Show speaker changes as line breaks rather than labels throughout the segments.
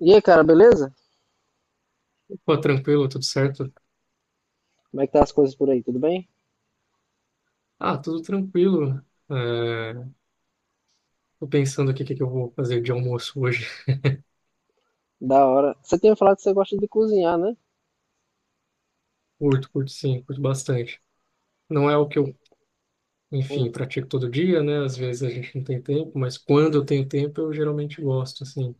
E aí, cara, beleza?
Pô, tranquilo, tudo certo?
Como é que tá as coisas por aí? Tudo bem?
Ah, tudo tranquilo. É, Tô pensando aqui o que que eu vou fazer de almoço hoje.
Da hora. Você tinha falado que você gosta de cozinhar, né?
Curto, curto sim, curto bastante. Não é o que eu,
Hum.
enfim, pratico todo dia, né? Às vezes a gente não tem tempo, mas quando eu tenho tempo, eu geralmente gosto, assim.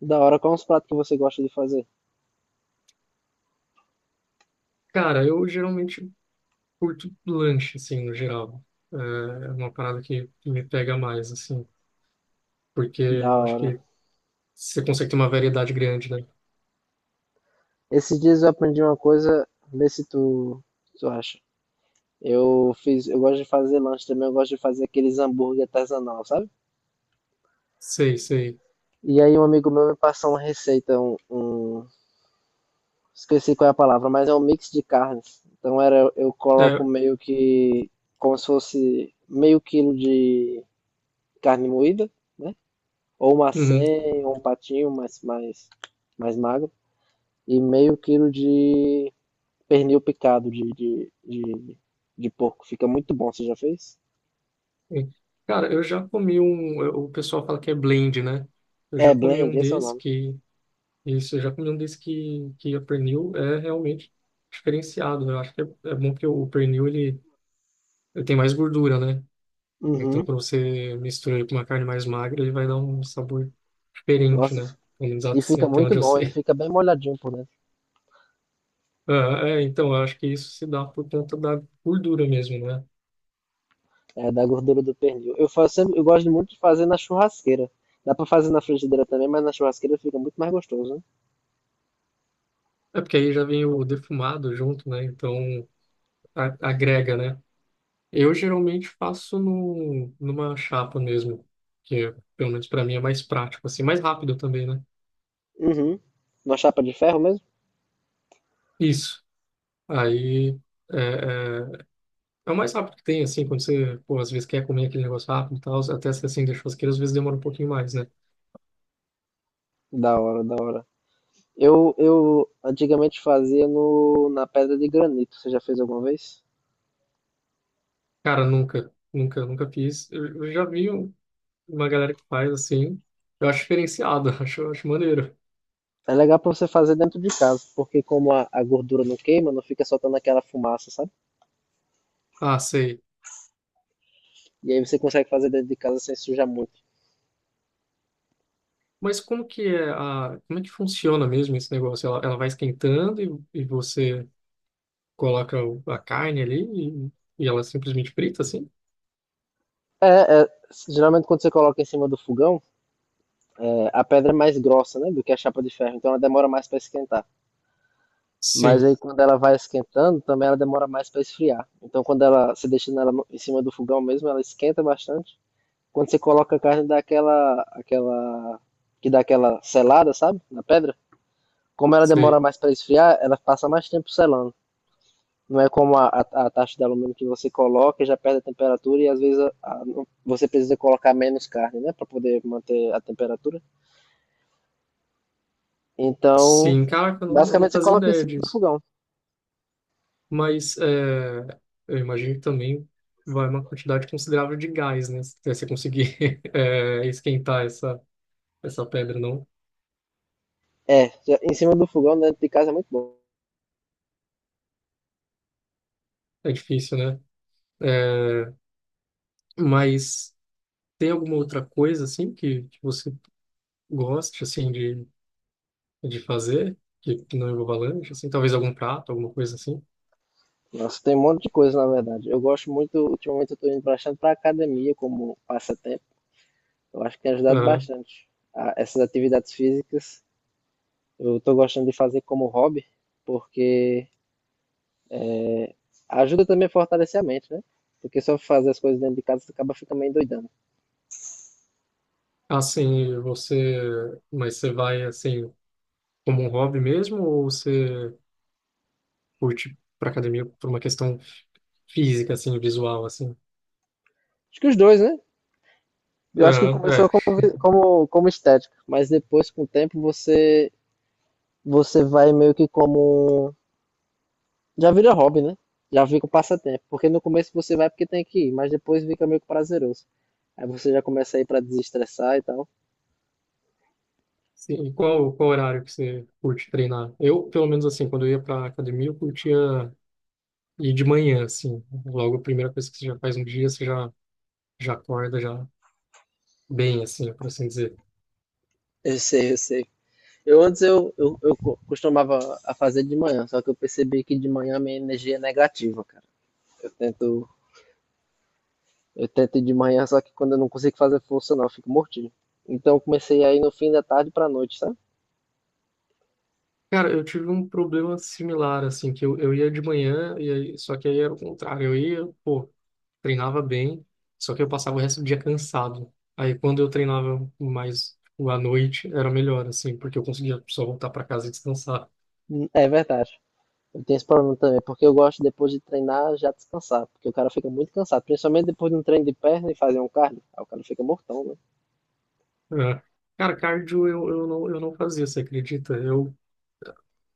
Da hora. Quais os pratos que você gosta de fazer?
Cara, eu geralmente curto lanche, assim, no geral. É é uma parada que me pega mais, assim, porque
Da
eu acho
hora.
que você consegue ter uma variedade grande, né?
Esses dias eu aprendi uma coisa, vê se tu, tu acha. Eu gosto de fazer lanche também, eu gosto de fazer aqueles hambúrguer artesanal, sabe?
Sei, sei.
E aí um amigo meu me passou uma receita, esqueci qual é a palavra, mas é um mix de carnes. Então era, eu coloco
É,
meio que como se fosse meio quilo de carne moída, né? Ou uma
uhum.
senha, ou um patinho mais, mais magro, e meio quilo de pernil picado de porco. Fica muito bom, você já fez?
Sim. Cara, eu já comi um. O pessoal fala que é blend, né? Eu
É,
já comi
blend,
um
esse é o
desse
nome.
que. Isso, eu já comi um desse que a pernil é realmente diferenciado, né? Eu acho que é bom que o pernil ele tem mais gordura, né? Então,
Uhum.
quando você mistura ele com uma carne mais magra, ele vai dar um sabor diferente,
Nossa,
né? Pelo menos
e
assim,
fica
até
muito
onde eu
bom, ele
sei.
fica bem molhadinho por dentro,
Ah, é, então, eu acho que isso se dá por conta da gordura mesmo, né?
é, da gordura do pernil. Eu faço sempre, eu gosto muito de fazer na churrasqueira. Dá pra fazer na frigideira também, mas na churrasqueira fica muito mais gostoso, né?
É porque aí já vem o defumado junto, né? Então, agrega, né? Eu geralmente faço no, numa chapa mesmo, que é, pelo menos para mim é mais prático, assim, mais rápido também, né?
Uhum. Uma chapa de ferro mesmo?
Isso. Aí é, é, é o mais rápido que tem, assim, quando você, pô, às vezes quer comer aquele negócio rápido e tal, até se assim, deixa churrasqueira, às vezes demora um pouquinho mais, né?
Da hora, da hora. Eu antigamente fazia no, na pedra de granito. Você já fez alguma vez?
Cara, nunca, nunca, nunca fiz. Eu já vi uma galera que faz assim, eu acho diferenciado, acho maneiro.
É legal pra você fazer dentro de casa, porque como a gordura não queima, não fica soltando aquela fumaça, sabe?
Ah, sei.
E aí você consegue fazer dentro de casa sem sujar muito.
Mas como que é como é que funciona mesmo esse negócio? Ela vai esquentando e você coloca a carne ali e ela simplesmente frita, assim?
É, é, geralmente quando você coloca em cima do fogão, é, a pedra é mais grossa, né, do que a chapa de ferro, então ela demora mais para esquentar. Mas
Sim,
aí quando ela vai esquentando, também ela demora mais para esfriar. Então quando ela se deixa nela em cima do fogão mesmo, ela esquenta bastante. Quando você coloca a carne dá aquela que dá aquela selada, sabe? Na pedra. Como ela demora
sei.
mais para esfriar, ela passa mais tempo selando. Não é como a taxa de alumínio que você coloca, e já perde a temperatura e às vezes você precisa colocar menos carne, né, para poder manter a temperatura. Então,
Sim, caraca, eu não
basicamente você
fazia
coloca em
ideia
cima do
disso.
fogão.
Mas eu imagino que também vai uma quantidade considerável de gás, né? Se você conseguir esquentar essa pedra, não?
É, já- em cima do fogão, dentro de casa é muito.
É difícil, né? É, mas tem alguma outra coisa, assim, que você goste, assim, de fazer? Que não envolva lanche, assim? Talvez algum prato, alguma coisa assim?
Nossa, tem um monte de coisa, na verdade. Eu gosto muito, ultimamente eu tô indo bastante pra academia como passatempo. Eu acho que tem ajudado bastante. Essas atividades físicas eu estou gostando de fazer como hobby, porque ajuda também a fortalecer a mente, né? Porque só fazer as coisas dentro de casa você acaba ficando meio doidando.
Assim, mas você vai assim como um hobby mesmo ou você curte para academia por uma questão física assim, visual assim?
Acho que os dois, né? Eu acho que
Aham,
começou
é.
como, como estética, mas depois, com o tempo, você, você vai meio que como. Um, já vira hobby, né? Já fica um passatempo. Porque no começo você vai porque tem que ir, mas depois fica meio que prazeroso. Aí você já começa a ir para desestressar e tal.
Sim, e qual horário que você curte treinar? Eu, pelo menos assim, quando eu ia para academia, eu curtia ir de manhã assim, logo a primeira coisa que você já faz no dia, você já acorda já bem assim, por assim dizer.
Eu sei, eu sei. Eu antes costumava a fazer de manhã, só que eu percebi que de manhã minha energia é negativa, cara. Eu tento, eu tento ir de manhã, só que quando eu não consigo fazer força não, eu fico mortinho. Então eu comecei aí no fim da tarde pra noite, sabe?
Cara, eu tive um problema similar assim, que eu ia de manhã e aí, só que aí era o contrário, eu ia, pô, treinava bem, só que eu passava o resto do dia cansado. Aí quando eu treinava mais tipo, à noite, era melhor, assim, porque eu conseguia só voltar para casa e descansar.
É verdade. Eu tenho esse problema também, porque eu gosto depois de treinar já descansar, porque o cara fica muito cansado, principalmente depois de um treino de perna e fazer um cardio, aí o cara fica mortão, né?
É. Cara, cardio eu não fazia, você acredita? Eu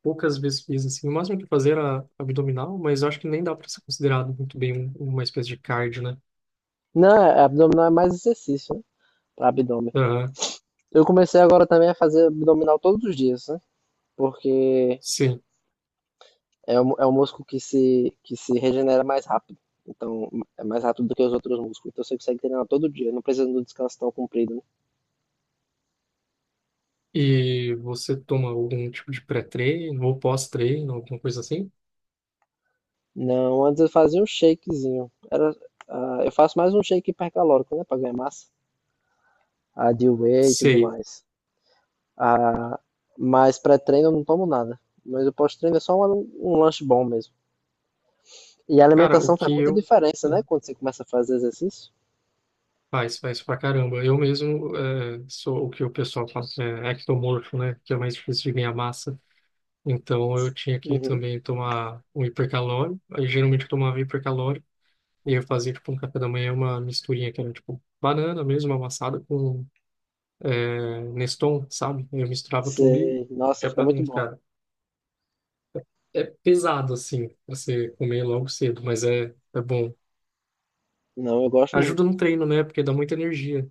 poucas vezes fiz, assim, o máximo que eu fazia era abdominal, mas eu acho que nem dá para ser considerado muito bem uma espécie de cardio, né?
Não, é, abdominal é mais exercício, né? Pra abdômen.
Aham,
Eu comecei agora também a fazer abdominal todos os dias, né? Porque
Sim.
é um, é um músculo que se regenera mais rápido. Então, é mais rápido do que os outros músculos. Então, você consegue treinar todo dia. Não precisa de um descanso tão comprido, né?
E você toma algum tipo de pré-treino ou pós-treino, alguma coisa assim?
Não, antes eu fazia um shakezinho. Era, ah, eu faço mais um shake hipercalórico, né? Pra ganhar massa. A de whey e tudo
Sei.
mais. Ah, mas pré-treino eu não tomo nada. Mas o pós-treino é só um lanche bom mesmo. E a
Cara, o
alimentação faz
que
muita
eu
diferença, né? Quando você começa a fazer exercício.
Faz, faz pra caramba. Eu mesmo sou o que o pessoal fala, é ectomorfo, né? Que é mais difícil de ganhar massa. Então eu tinha que
Uhum.
também tomar um hipercalórico. Aí geralmente eu tomava hipercalórico. E eu fazia tipo um café da manhã, uma misturinha que era tipo banana mesmo, amassada com Neston, sabe? Eu misturava tudo e
Sei. Nossa,
já
fica
pra
muito
dentro,
bom.
cara. É pesado assim, pra você comer logo cedo, mas é bom.
Não, eu gosto muito.
Ajuda no treino, né? Porque dá muita energia.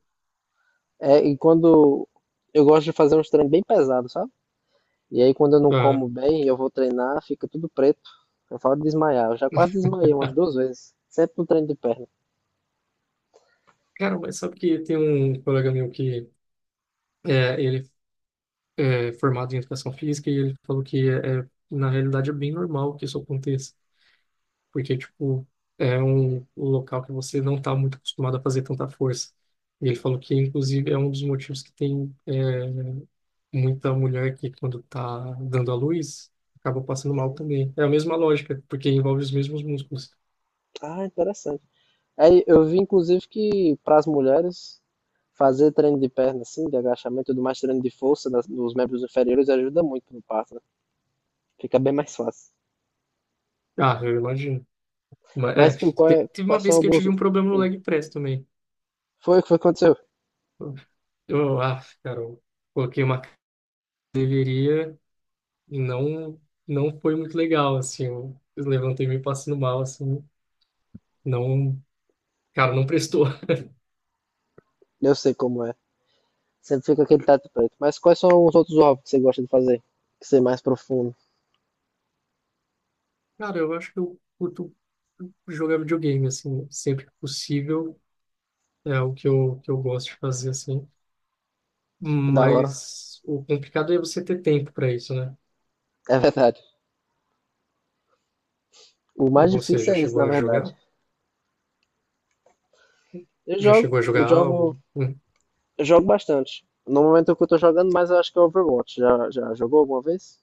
É, e quando eu gosto de fazer uns treinos bem pesados, sabe? E aí quando eu não
Ah,
como bem, eu vou treinar, fica tudo preto. Eu falo de desmaiar. Eu já quase desmaiei umas duas vezes. Sempre no treino de perna.
cara, mas sabe que tem um colega meu que ele é formado em educação física e ele falou que na realidade é bem normal que isso aconteça, porque tipo é um local que você não está muito acostumado a fazer tanta força. E ele falou que inclusive é um dos motivos que tem muita mulher que quando está dando à luz acaba passando mal também. É a mesma lógica, porque envolve os mesmos músculos.
Ah, interessante. Aí eu vi, inclusive, que para as mulheres fazer treino de perna, assim, de agachamento e tudo mais, treino de força dos membros inferiores ajuda muito no parto, né? Fica bem mais fácil.
Ah, eu imagino. Mas,
Mas tu,
teve uma
quais são
vez que eu
alguns.
tive um problema no
Hum,
leg press também.
Foi o que foi que aconteceu?
Ah, cara, eu coloquei uma e não foi muito legal, assim, eu levantei meio passando mal, assim, não, cara, não prestou.
Eu sei como é. Sempre fica aquele teto preto. Mas quais são os outros hobbies que você gosta de fazer? Que ser mais profundo,
Cara, eu acho que eu curto jogar videogame, assim, sempre que possível, é o que que eu gosto de fazer, assim,
da hora.
mas o complicado é você ter tempo para isso, né?
É verdade. O
E
mais
você já
difícil é esse,
chegou
na
a
verdade.
jogar?
Eu
Já
jogo,
chegou a
eu
jogar
jogo,
algo?
eu jogo bastante. No momento que eu tô jogando, mas eu acho que é Overwatch. Já jogou alguma vez?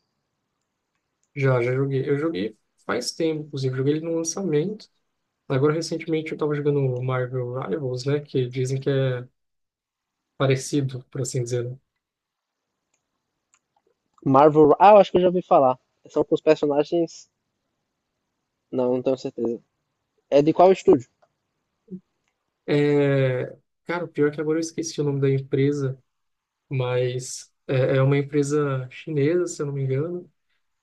Já, já joguei. Eu joguei faz tempo, inclusive, joguei ele no lançamento, agora recentemente eu tava jogando Marvel Rivals, né, que dizem que é parecido, por assim dizer, né?
Marvel. Ah, eu acho que eu já ouvi falar. São com os personagens. Não, não tenho certeza. É de qual estúdio?
É, cara, o pior é que agora eu esqueci o nome da empresa, mas é uma empresa chinesa, se eu não me engano.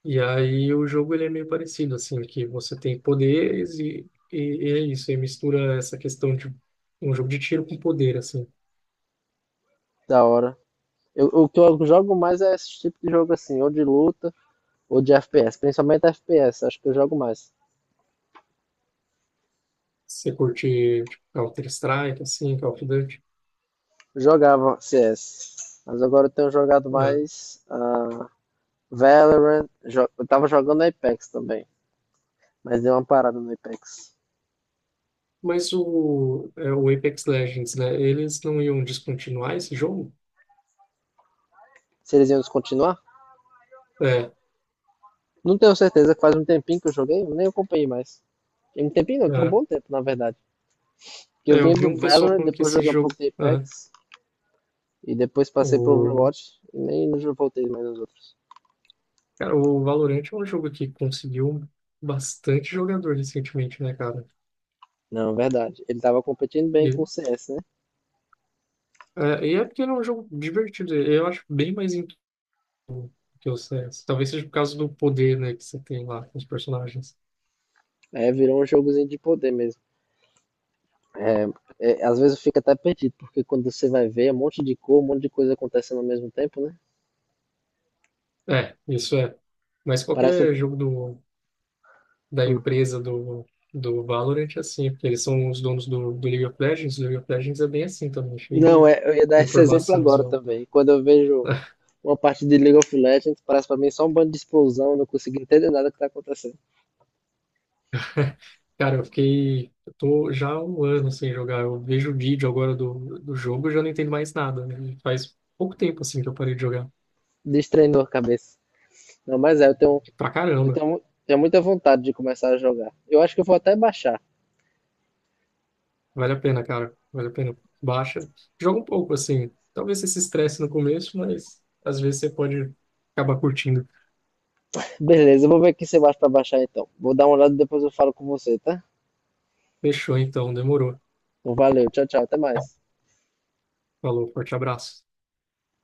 E aí o jogo ele é meio parecido, assim, que você tem poderes e é isso. E mistura essa questão de um jogo de tiro com poder, assim.
Da hora. Eu, o que eu jogo mais é esse tipo de jogo assim, ou de luta, ou de FPS. Principalmente FPS, acho que eu jogo mais.
Você curte tipo, Counter-Strike, assim, Call of Duty.
Jogava CS, mas agora eu tenho jogado
Ah,
mais Valorant. Eu tava jogando Apex também, mas deu uma parada no Apex.
mas o Apex Legends, né? Eles não iam descontinuar esse jogo?
Se eles iam descontinuar?
É,
Não tenho certeza, faz um tempinho que eu joguei, eu nem acompanhei mais. Tem um tempinho não, tem um
é.
bom tempo, na verdade. Porque eu
É,
vim
eu vi
do
um pessoal
Valorant,
falando que
depois
esse
joguei um pouco
jogo.
de
Ah,
Apex, e depois passei pro
O,
Overwatch, e nem já voltei mais nos outros.
cara, o Valorant é um jogo que conseguiu bastante jogador recentemente, né, cara?
Não, verdade. Ele tava competindo bem com o
E
CS, né?
e é porque ele é um jogo divertido. Eu acho bem mais intuitivo que o CS. Talvez seja por causa do poder, né, que você tem lá com os personagens.
Aí virou um jogozinho de poder mesmo. É, às vezes fica até perdido, porque quando você vai ver, é um monte de cor, um monte de coisa acontecendo ao mesmo tempo, né?
É, isso é. Mas
Parece um.
qualquer jogo da
Hum.
empresa do Valorant é assim, porque eles são os donos do League of Legends. O League of Legends é bem assim também, cheio
Não,
de
é, eu ia dar esse exemplo
informação
agora
visual.
também. Quando eu vejo uma parte de League of Legends, parece pra mim só um bando de explosão, eu não consigo entender nada que tá acontecendo.
Cara, eu fiquei. Eu tô já há um ano sem jogar. Eu vejo o vídeo agora do jogo e já não entendo mais nada, né? Faz pouco tempo, assim, que eu parei de jogar.
Destreinou a cabeça. Não, mas é,
Pra
eu
caramba.
tenho, tenho muita vontade de começar a jogar. Eu acho que eu vou até baixar.
Vale a pena, cara. Vale a pena. Baixa. Joga um pouco, assim. Talvez você se estresse no começo, mas às vezes você pode acabar curtindo.
Beleza, eu vou ver aqui se eu baixo pra baixar então. Vou dar uma olhada e depois eu falo com você, tá?
Fechou, então. Demorou.
Então, valeu, tchau, tchau, até mais.
Falou. Forte abraço.